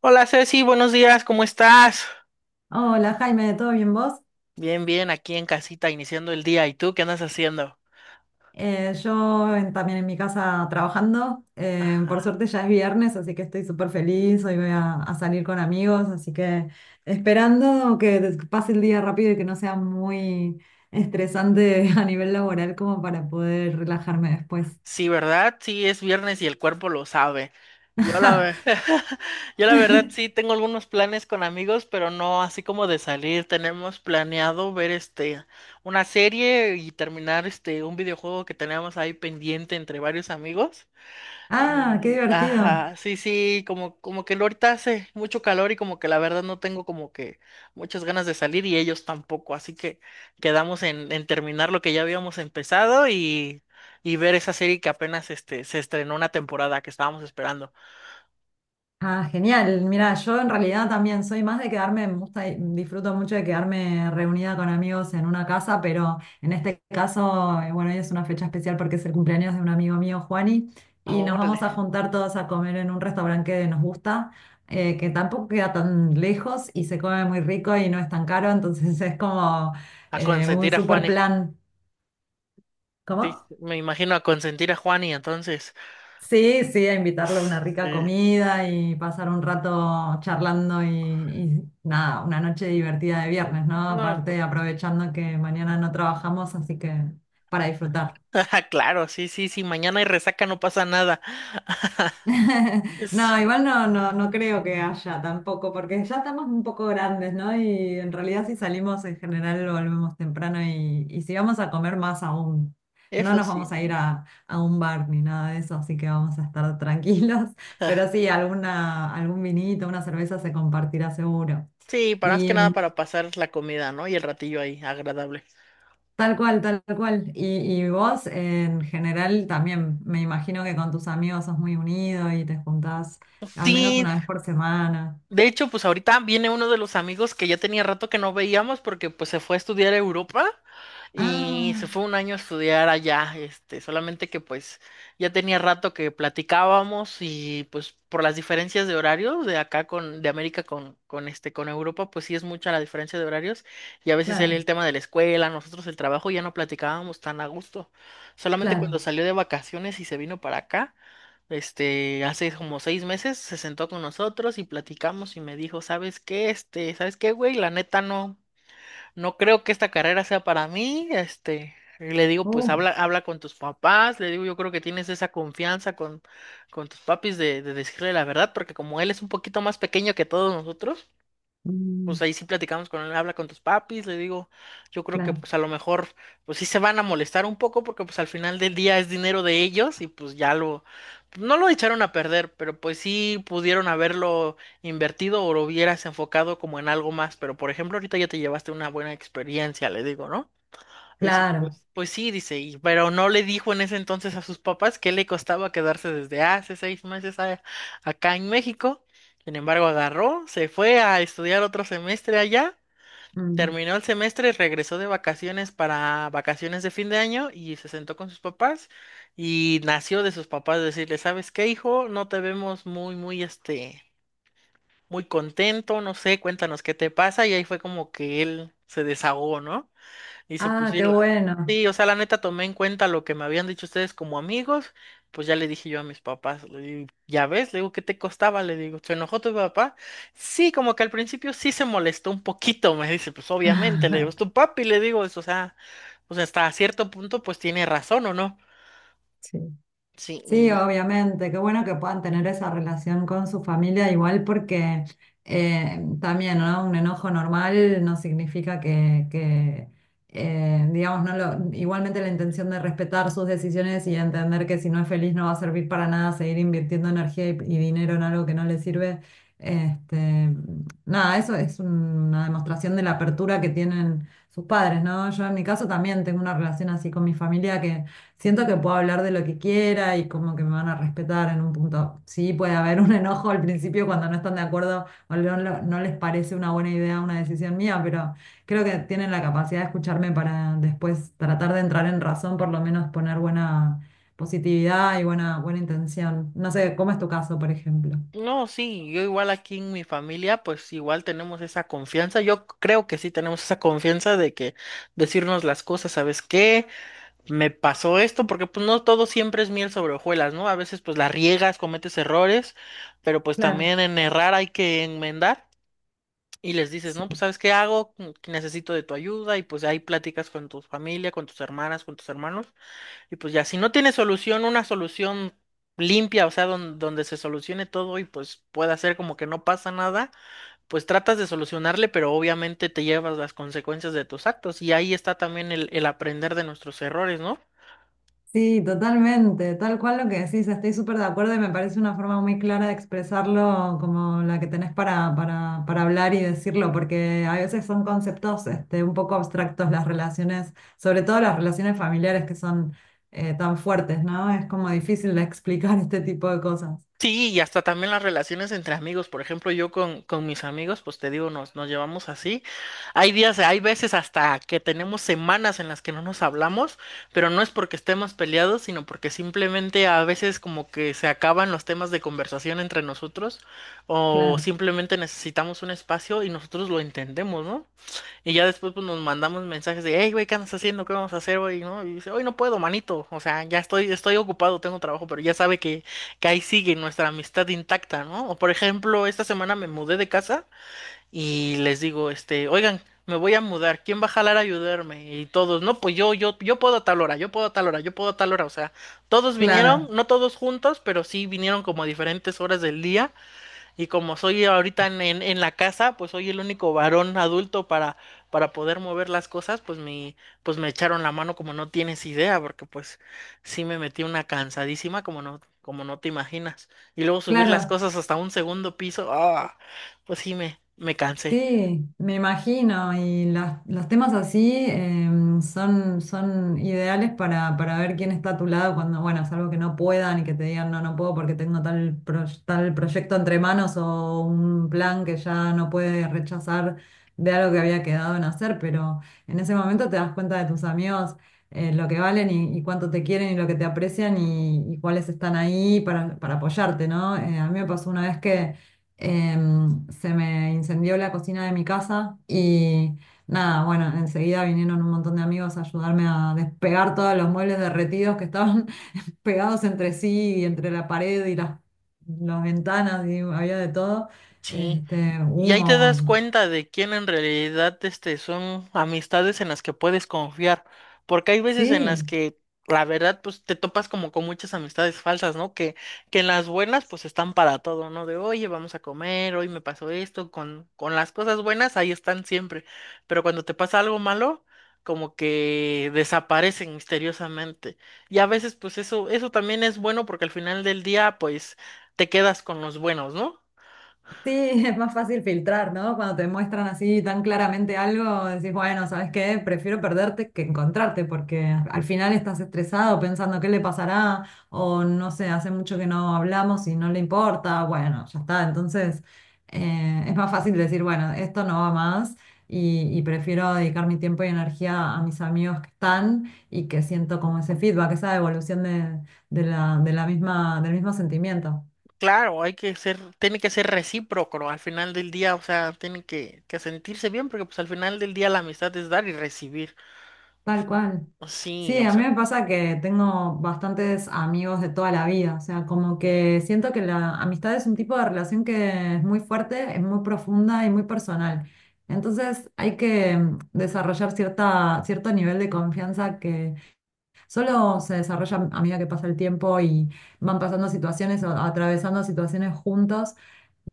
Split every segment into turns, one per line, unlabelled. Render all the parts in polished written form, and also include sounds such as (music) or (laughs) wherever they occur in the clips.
Hola Ceci, buenos días, ¿cómo estás?
Hola Jaime, ¿todo bien vos?
Bien, bien, aquí en casita iniciando el día. ¿Y tú qué andas haciendo?
Yo también en mi casa trabajando. Por
Ah,
suerte ya es viernes, así que estoy súper feliz. Hoy voy a salir con amigos, así que esperando que pase el día rápido y que no sea muy estresante (laughs) a nivel laboral como para poder relajarme después.
sí, ¿verdad? Sí, es viernes y el cuerpo lo sabe. Yo la, ve-
(laughs)
(laughs) yo la verdad sí tengo algunos planes con amigos, pero no así como de salir. Tenemos planeado ver una serie y terminar un videojuego que tenemos ahí pendiente entre varios amigos.
Ah, qué divertido.
Ajá, sí, sí, como que ahorita hace mucho calor y como que la verdad no tengo como que muchas ganas de salir y ellos tampoco, así que quedamos en terminar lo que ya habíamos empezado y ver esa serie que apenas se estrenó una temporada que estábamos esperando.
Ah, genial. Mira, yo en realidad también soy más de quedarme, me gusta, y disfruto mucho de quedarme reunida con amigos en una casa, pero en este caso, bueno, hoy es una fecha especial porque es el cumpleaños de un amigo mío, Juani, y nos vamos
Órale,
a juntar todos a comer en un restaurante que nos gusta, que tampoco queda tan lejos y se come muy rico y no es tan caro, entonces es como
a
un
consentir a
super
Juani,
plan.
sí,
¿Cómo?
me imagino a consentir a Juani, entonces,
Sí, sí, a invitarlo a
uf,
una rica
sí,
comida y pasar un rato charlando y nada, una noche divertida de viernes, ¿no?
no,
Aparte aprovechando que mañana no trabajamos, así que para disfrutar.
(laughs) claro, sí, sí, sí, mañana hay resaca, no pasa nada. (laughs)
(laughs)
Es-
No, igual no, no, no creo que haya tampoco, porque ya estamos un poco grandes, ¿no? Y en realidad si salimos en general volvemos temprano y si vamos a comer más aún, no
Eso
nos
sí.
vamos a ir
¿No?
a un bar ni nada de eso, así que vamos a estar tranquilos, (laughs) pero sí, algún vinito, una cerveza se compartirá seguro.
Sí, para más que
Y
nada
mm,
para pasar la comida, ¿no? Y el ratillo ahí, agradable.
tal cual, tal cual. Y vos en general también, me imagino que con tus amigos sos muy unido y te juntás al menos
Sí,
una vez por semana.
de hecho, pues ahorita viene uno de los amigos que ya tenía rato que no veíamos porque pues se fue a estudiar a Europa y se
Ah,
fue un año a estudiar allá, solamente que pues ya tenía rato que platicábamos y pues por las diferencias de horarios de acá de América con Europa, pues sí es mucha la diferencia de horarios y a veces él el
claro,
tema de la escuela, nosotros el trabajo, ya no platicábamos tan a gusto. Solamente cuando
claro.
salió de vacaciones y se vino para acá. Hace como 6 meses se sentó con nosotros y platicamos y me dijo, ¿sabes qué? ¿Sabes qué, güey? La neta no creo que esta carrera sea para mí. Y le digo, pues
Oh,
habla con tus papás. Le digo, yo creo que tienes esa confianza con tus papis de decirle la verdad, porque como él es un poquito más pequeño que todos nosotros,
mm,
pues ahí sí platicamos con él, habla con tus papis, le digo, yo creo que
claro,
pues a lo mejor pues sí se van a molestar un poco porque pues al final del día es dinero de ellos y pues no lo echaron a perder, pero pues sí pudieron haberlo invertido o lo hubieras enfocado como en algo más, pero por ejemplo ahorita ya te llevaste una buena experiencia, le digo, ¿no? Dice,
claro.
pues sí, dice, pero no le dijo en ese entonces a sus papás que le costaba quedarse desde hace 6 meses acá en México. Sin embargo, agarró, se fue a estudiar otro semestre allá,
Mm.
terminó el semestre, regresó de vacaciones para vacaciones de fin de año y se sentó con sus papás y nació de sus papás decirle, ¿sabes qué, hijo? No te vemos muy, muy, muy contento, no sé, cuéntanos qué te pasa y ahí fue como que él se desahogó, ¿no? Dice, pues
Ah,
sí,
qué
la...
bueno.
Sí, o sea, la neta tomé en cuenta lo que me habían dicho ustedes como amigos, pues ya le dije yo a mis papás, le digo, ya ves, le digo, ¿qué te costaba? Le digo, ¿se enojó tu papá? Sí, como que al principio sí se molestó un poquito, me dice, pues obviamente, le digo, es
(laughs)
tu papi, le digo, o sea, hasta cierto punto pues tiene razón, ¿o no?
Sí.
Sí,
Sí,
y
obviamente, qué bueno que puedan tener esa relación con su familia, igual porque también, ¿no? Un enojo normal no significa digamos, no lo- igualmente la intención de respetar sus decisiones y entender que si no es feliz no va a servir para nada seguir invirtiendo energía y dinero en algo que no le sirve. Este, nada, eso es una demostración de la apertura que tienen sus padres, ¿no? Yo en mi caso también tengo una relación así con mi familia. Siento que puedo hablar de lo que quiera y como que me van a respetar en un punto. Sí, puede haber un enojo al principio cuando no están de acuerdo o no, no les parece una buena idea una decisión mía, pero creo que tienen la capacidad de escucharme para después tratar de entrar en razón, por lo menos poner buena positividad y buena, buena intención. No sé, ¿cómo es tu caso, por ejemplo?
no, sí, yo igual aquí en mi familia, pues igual tenemos esa confianza. Yo creo que sí tenemos esa confianza de que decirnos las cosas, ¿sabes qué? Me pasó esto, porque pues no todo siempre es miel sobre hojuelas, ¿no? A veces pues la riegas, cometes errores, pero pues
Claro,
también en errar hay que enmendar y les dices,
sí.
no, pues sabes qué hago, que necesito de tu ayuda y pues ahí platicas con tu familia, con tus hermanas, con tus hermanos y pues ya, si no tienes solución, una solución limpia, o sea, donde se solucione todo y pues pueda ser como que no pasa nada, pues tratas de solucionarle, pero obviamente te llevas las consecuencias de tus actos y ahí está también el aprender de nuestros errores, ¿no?
Sí, totalmente, tal cual lo que decís, estoy súper de acuerdo y me parece una forma muy clara de expresarlo como la que tenés para hablar y decirlo, porque a veces son conceptos este, un poco abstractos las relaciones, sobre todo las relaciones familiares que son tan fuertes, ¿no? Es como difícil de (laughs) explicar este tipo de cosas.
Sí, y hasta también las relaciones entre amigos. Por ejemplo, yo con mis amigos, pues te digo, nos llevamos así. Hay días, hay veces hasta que tenemos semanas en las que no nos hablamos, pero no es porque estemos peleados, sino porque simplemente a veces como que se acaban los temas de conversación entre nosotros o
Claro,
simplemente necesitamos un espacio y nosotros lo entendemos, ¿no? Y ya después pues, nos mandamos mensajes de, hey, güey, ¿qué andas haciendo? ¿Qué vamos a hacer, güey? ¿No? Y dice, hoy no puedo, manito. O sea, ya estoy ocupado, tengo trabajo, pero ya sabe que, ahí sigue nuestra amistad intacta, ¿no? O por ejemplo, esta semana me mudé de casa y les digo, oigan, me voy a mudar, ¿quién va a jalar a ayudarme? Y todos, no, pues yo puedo a tal hora, yo puedo a tal hora, yo puedo a tal hora. O sea, todos vinieron,
claro,
no todos juntos, pero sí vinieron como a diferentes horas del día y como soy ahorita en la casa, pues soy el único varón adulto para poder mover las cosas, pues me echaron la mano como no tienes idea, porque pues sí me metí una cansadísima como no te imaginas. Y luego subir las
claro.
cosas hasta un segundo piso, ah, pues sí me cansé.
Sí, me imagino, los temas así em, son ideales para ver quién está a tu lado cuando, bueno, salvo que no puedan y que te digan, no, no puedo porque tengo tal proyecto entre manos o un plan que ya no puede rechazar de algo que había quedado en hacer, pero en ese momento te das cuenta de tus amigos, lo que valen y cuánto te quieren y lo que te aprecian y cuáles están ahí para apoyarte, ¿no? A mí me pasó una vez que... Em, se me incendió la cocina de mi casa y nada, bueno, enseguida vinieron un montón de amigos a ayudarme a despegar todos los muebles derretidos que estaban (laughs) pegados entre sí y entre la pared y las ventanas y había de todo,
Sí.
este,
Y ahí te
humo,
das cuenta de quién en realidad son amistades en las que puedes confiar, porque hay veces en las
sí.
que la verdad pues te topas como con muchas amistades falsas, ¿no? Que en las buenas pues están para todo, ¿no? De oye, vamos a comer, hoy me pasó esto, con las cosas buenas ahí están siempre, pero cuando te pasa algo malo, como que desaparecen misteriosamente. Y a veces pues eso también es bueno porque al final del día pues te quedas con los buenos, ¿no?
Sí, (laughs) es más fácil filtrar, ¿no? Cuando te muestran así tan claramente algo, decís, bueno, ¿sabes qué? Prefiero perderte que encontrarte, porque al final estás estresado pensando qué le pasará, o no sé, hace mucho que no hablamos y no le importa, bueno, ya está. Entonces, es más fácil decir, bueno, esto no va más y prefiero dedicar mi tiempo y energía a mis amigos que están y que siento como ese feedback, esa evolución de la misma, del mismo sentimiento.
Claro, tiene que ser recíproco, ¿no? Al final del día, o sea, tiene que sentirse bien, porque pues al final del día la amistad es dar y recibir.
Tal cual. Sí,
Sí, o
a mí
sea,
me pasa que tengo bastantes amigos de toda la vida, o sea, como que siento que la amistad es un tipo de relación que es muy fuerte, es muy profunda y muy personal. Entonces hay que mm, desarrollar cierta, cierto nivel de confianza que solo se desarrolla a medida que pasa el tiempo y van pasando situaciones o atravesando situaciones juntos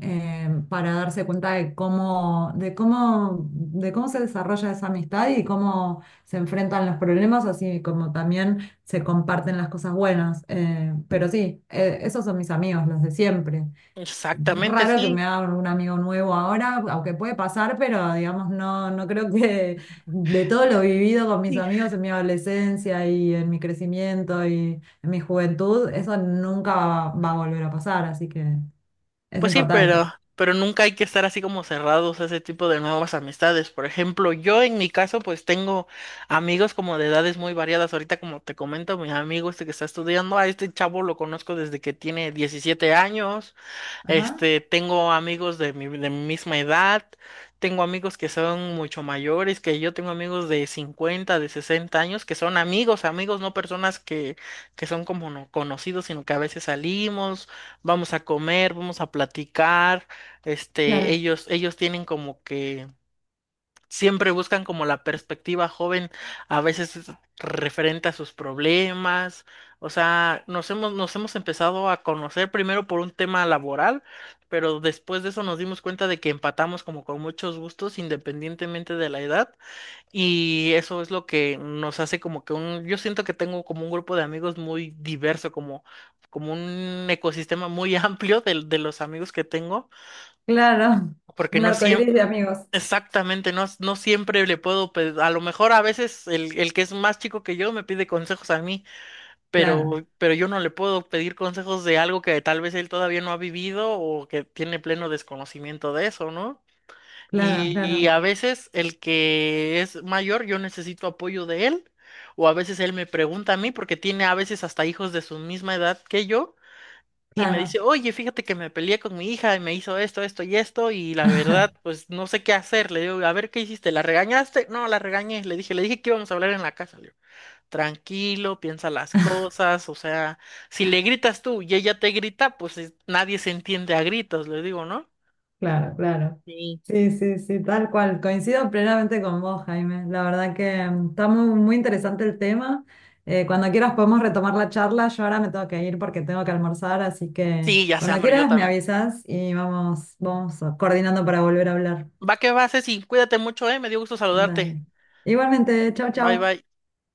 para darse cuenta de cómo se desarrolla esa amistad y cómo se enfrentan los problemas, así como también se comparten las cosas buenas. Pero sí, esos son mis amigos, los de siempre. Es
exactamente,
raro que me
sí.
haga un amigo nuevo ahora, aunque puede pasar, pero digamos, no, no creo que de todo lo vivido con mis
Sí,
amigos en mi adolescencia y en mi crecimiento y en mi juventud, eso nunca va a volver a pasar, así que es
pues sí,
importante.
pero nunca hay que estar así como cerrados a ese tipo de nuevas amistades. Por ejemplo, yo en mi caso, pues tengo amigos como de edades muy variadas. Ahorita, como te comento, mi amigo este que está estudiando, a este chavo lo conozco desde que tiene 17 años.
Ajá,
Tengo amigos de mi misma edad, tengo amigos que son mucho mayores, que yo tengo amigos de 50 de 60 años, que son amigos, amigos, no personas que son como no conocidos, sino que a veces salimos, vamos a comer, vamos a platicar,
claro,
ellos tienen como que siempre buscan como la perspectiva joven, a veces es referente a sus problemas, o sea, nos hemos empezado a conocer primero por un tema laboral, pero después de eso nos dimos cuenta de que empatamos como con muchos gustos independientemente de la edad y eso es lo que nos hace como que yo siento que tengo como un grupo de amigos muy diverso, como un ecosistema muy (laughs) amplio de los amigos que tengo
claro. (laughs)
porque
Un
no
arcoíris de
siempre,
amigos.
exactamente, no siempre le puedo, a lo mejor a veces el que es más chico que yo me pide consejos a mí,
Claro,
pero yo no le puedo pedir consejos de algo que tal vez él todavía no ha vivido o que tiene pleno desconocimiento de eso, ¿no?
claro,
Y
claro,
a veces el que es mayor, yo necesito apoyo de él, o a veces él me pregunta a mí, porque tiene a veces hasta hijos de su misma edad que yo y me dice,
claro,
oye, fíjate que me peleé con mi hija y me hizo esto, esto y esto, y la verdad, pues no sé qué hacer. Le digo, a ver, ¿qué hiciste? ¿La regañaste? No, la regañé. Le dije que íbamos a hablar en la casa. Le digo, tranquilo, piensa las cosas, o sea, si le gritas tú y ella te grita, pues nadie se entiende a gritos, le digo, ¿no?
claro, claro.
Sí.
Sí, sí, sí, tal cual. Coincido plenamente con vos, Jaime. La verdad que mm, está muy, muy interesante el tema. Cuando quieras podemos retomar la charla. Yo ahora me tengo que ir porque tengo que almorzar, así que
Sí, ya sé,
cuando
hombre, yo
quieras me
también.
avisas y vamos, vamos coordinando para volver a hablar.
Va que va, Ceci, cuídate mucho, me dio gusto saludarte.
Dale. Igualmente, chau,
Bye,
chau.
bye.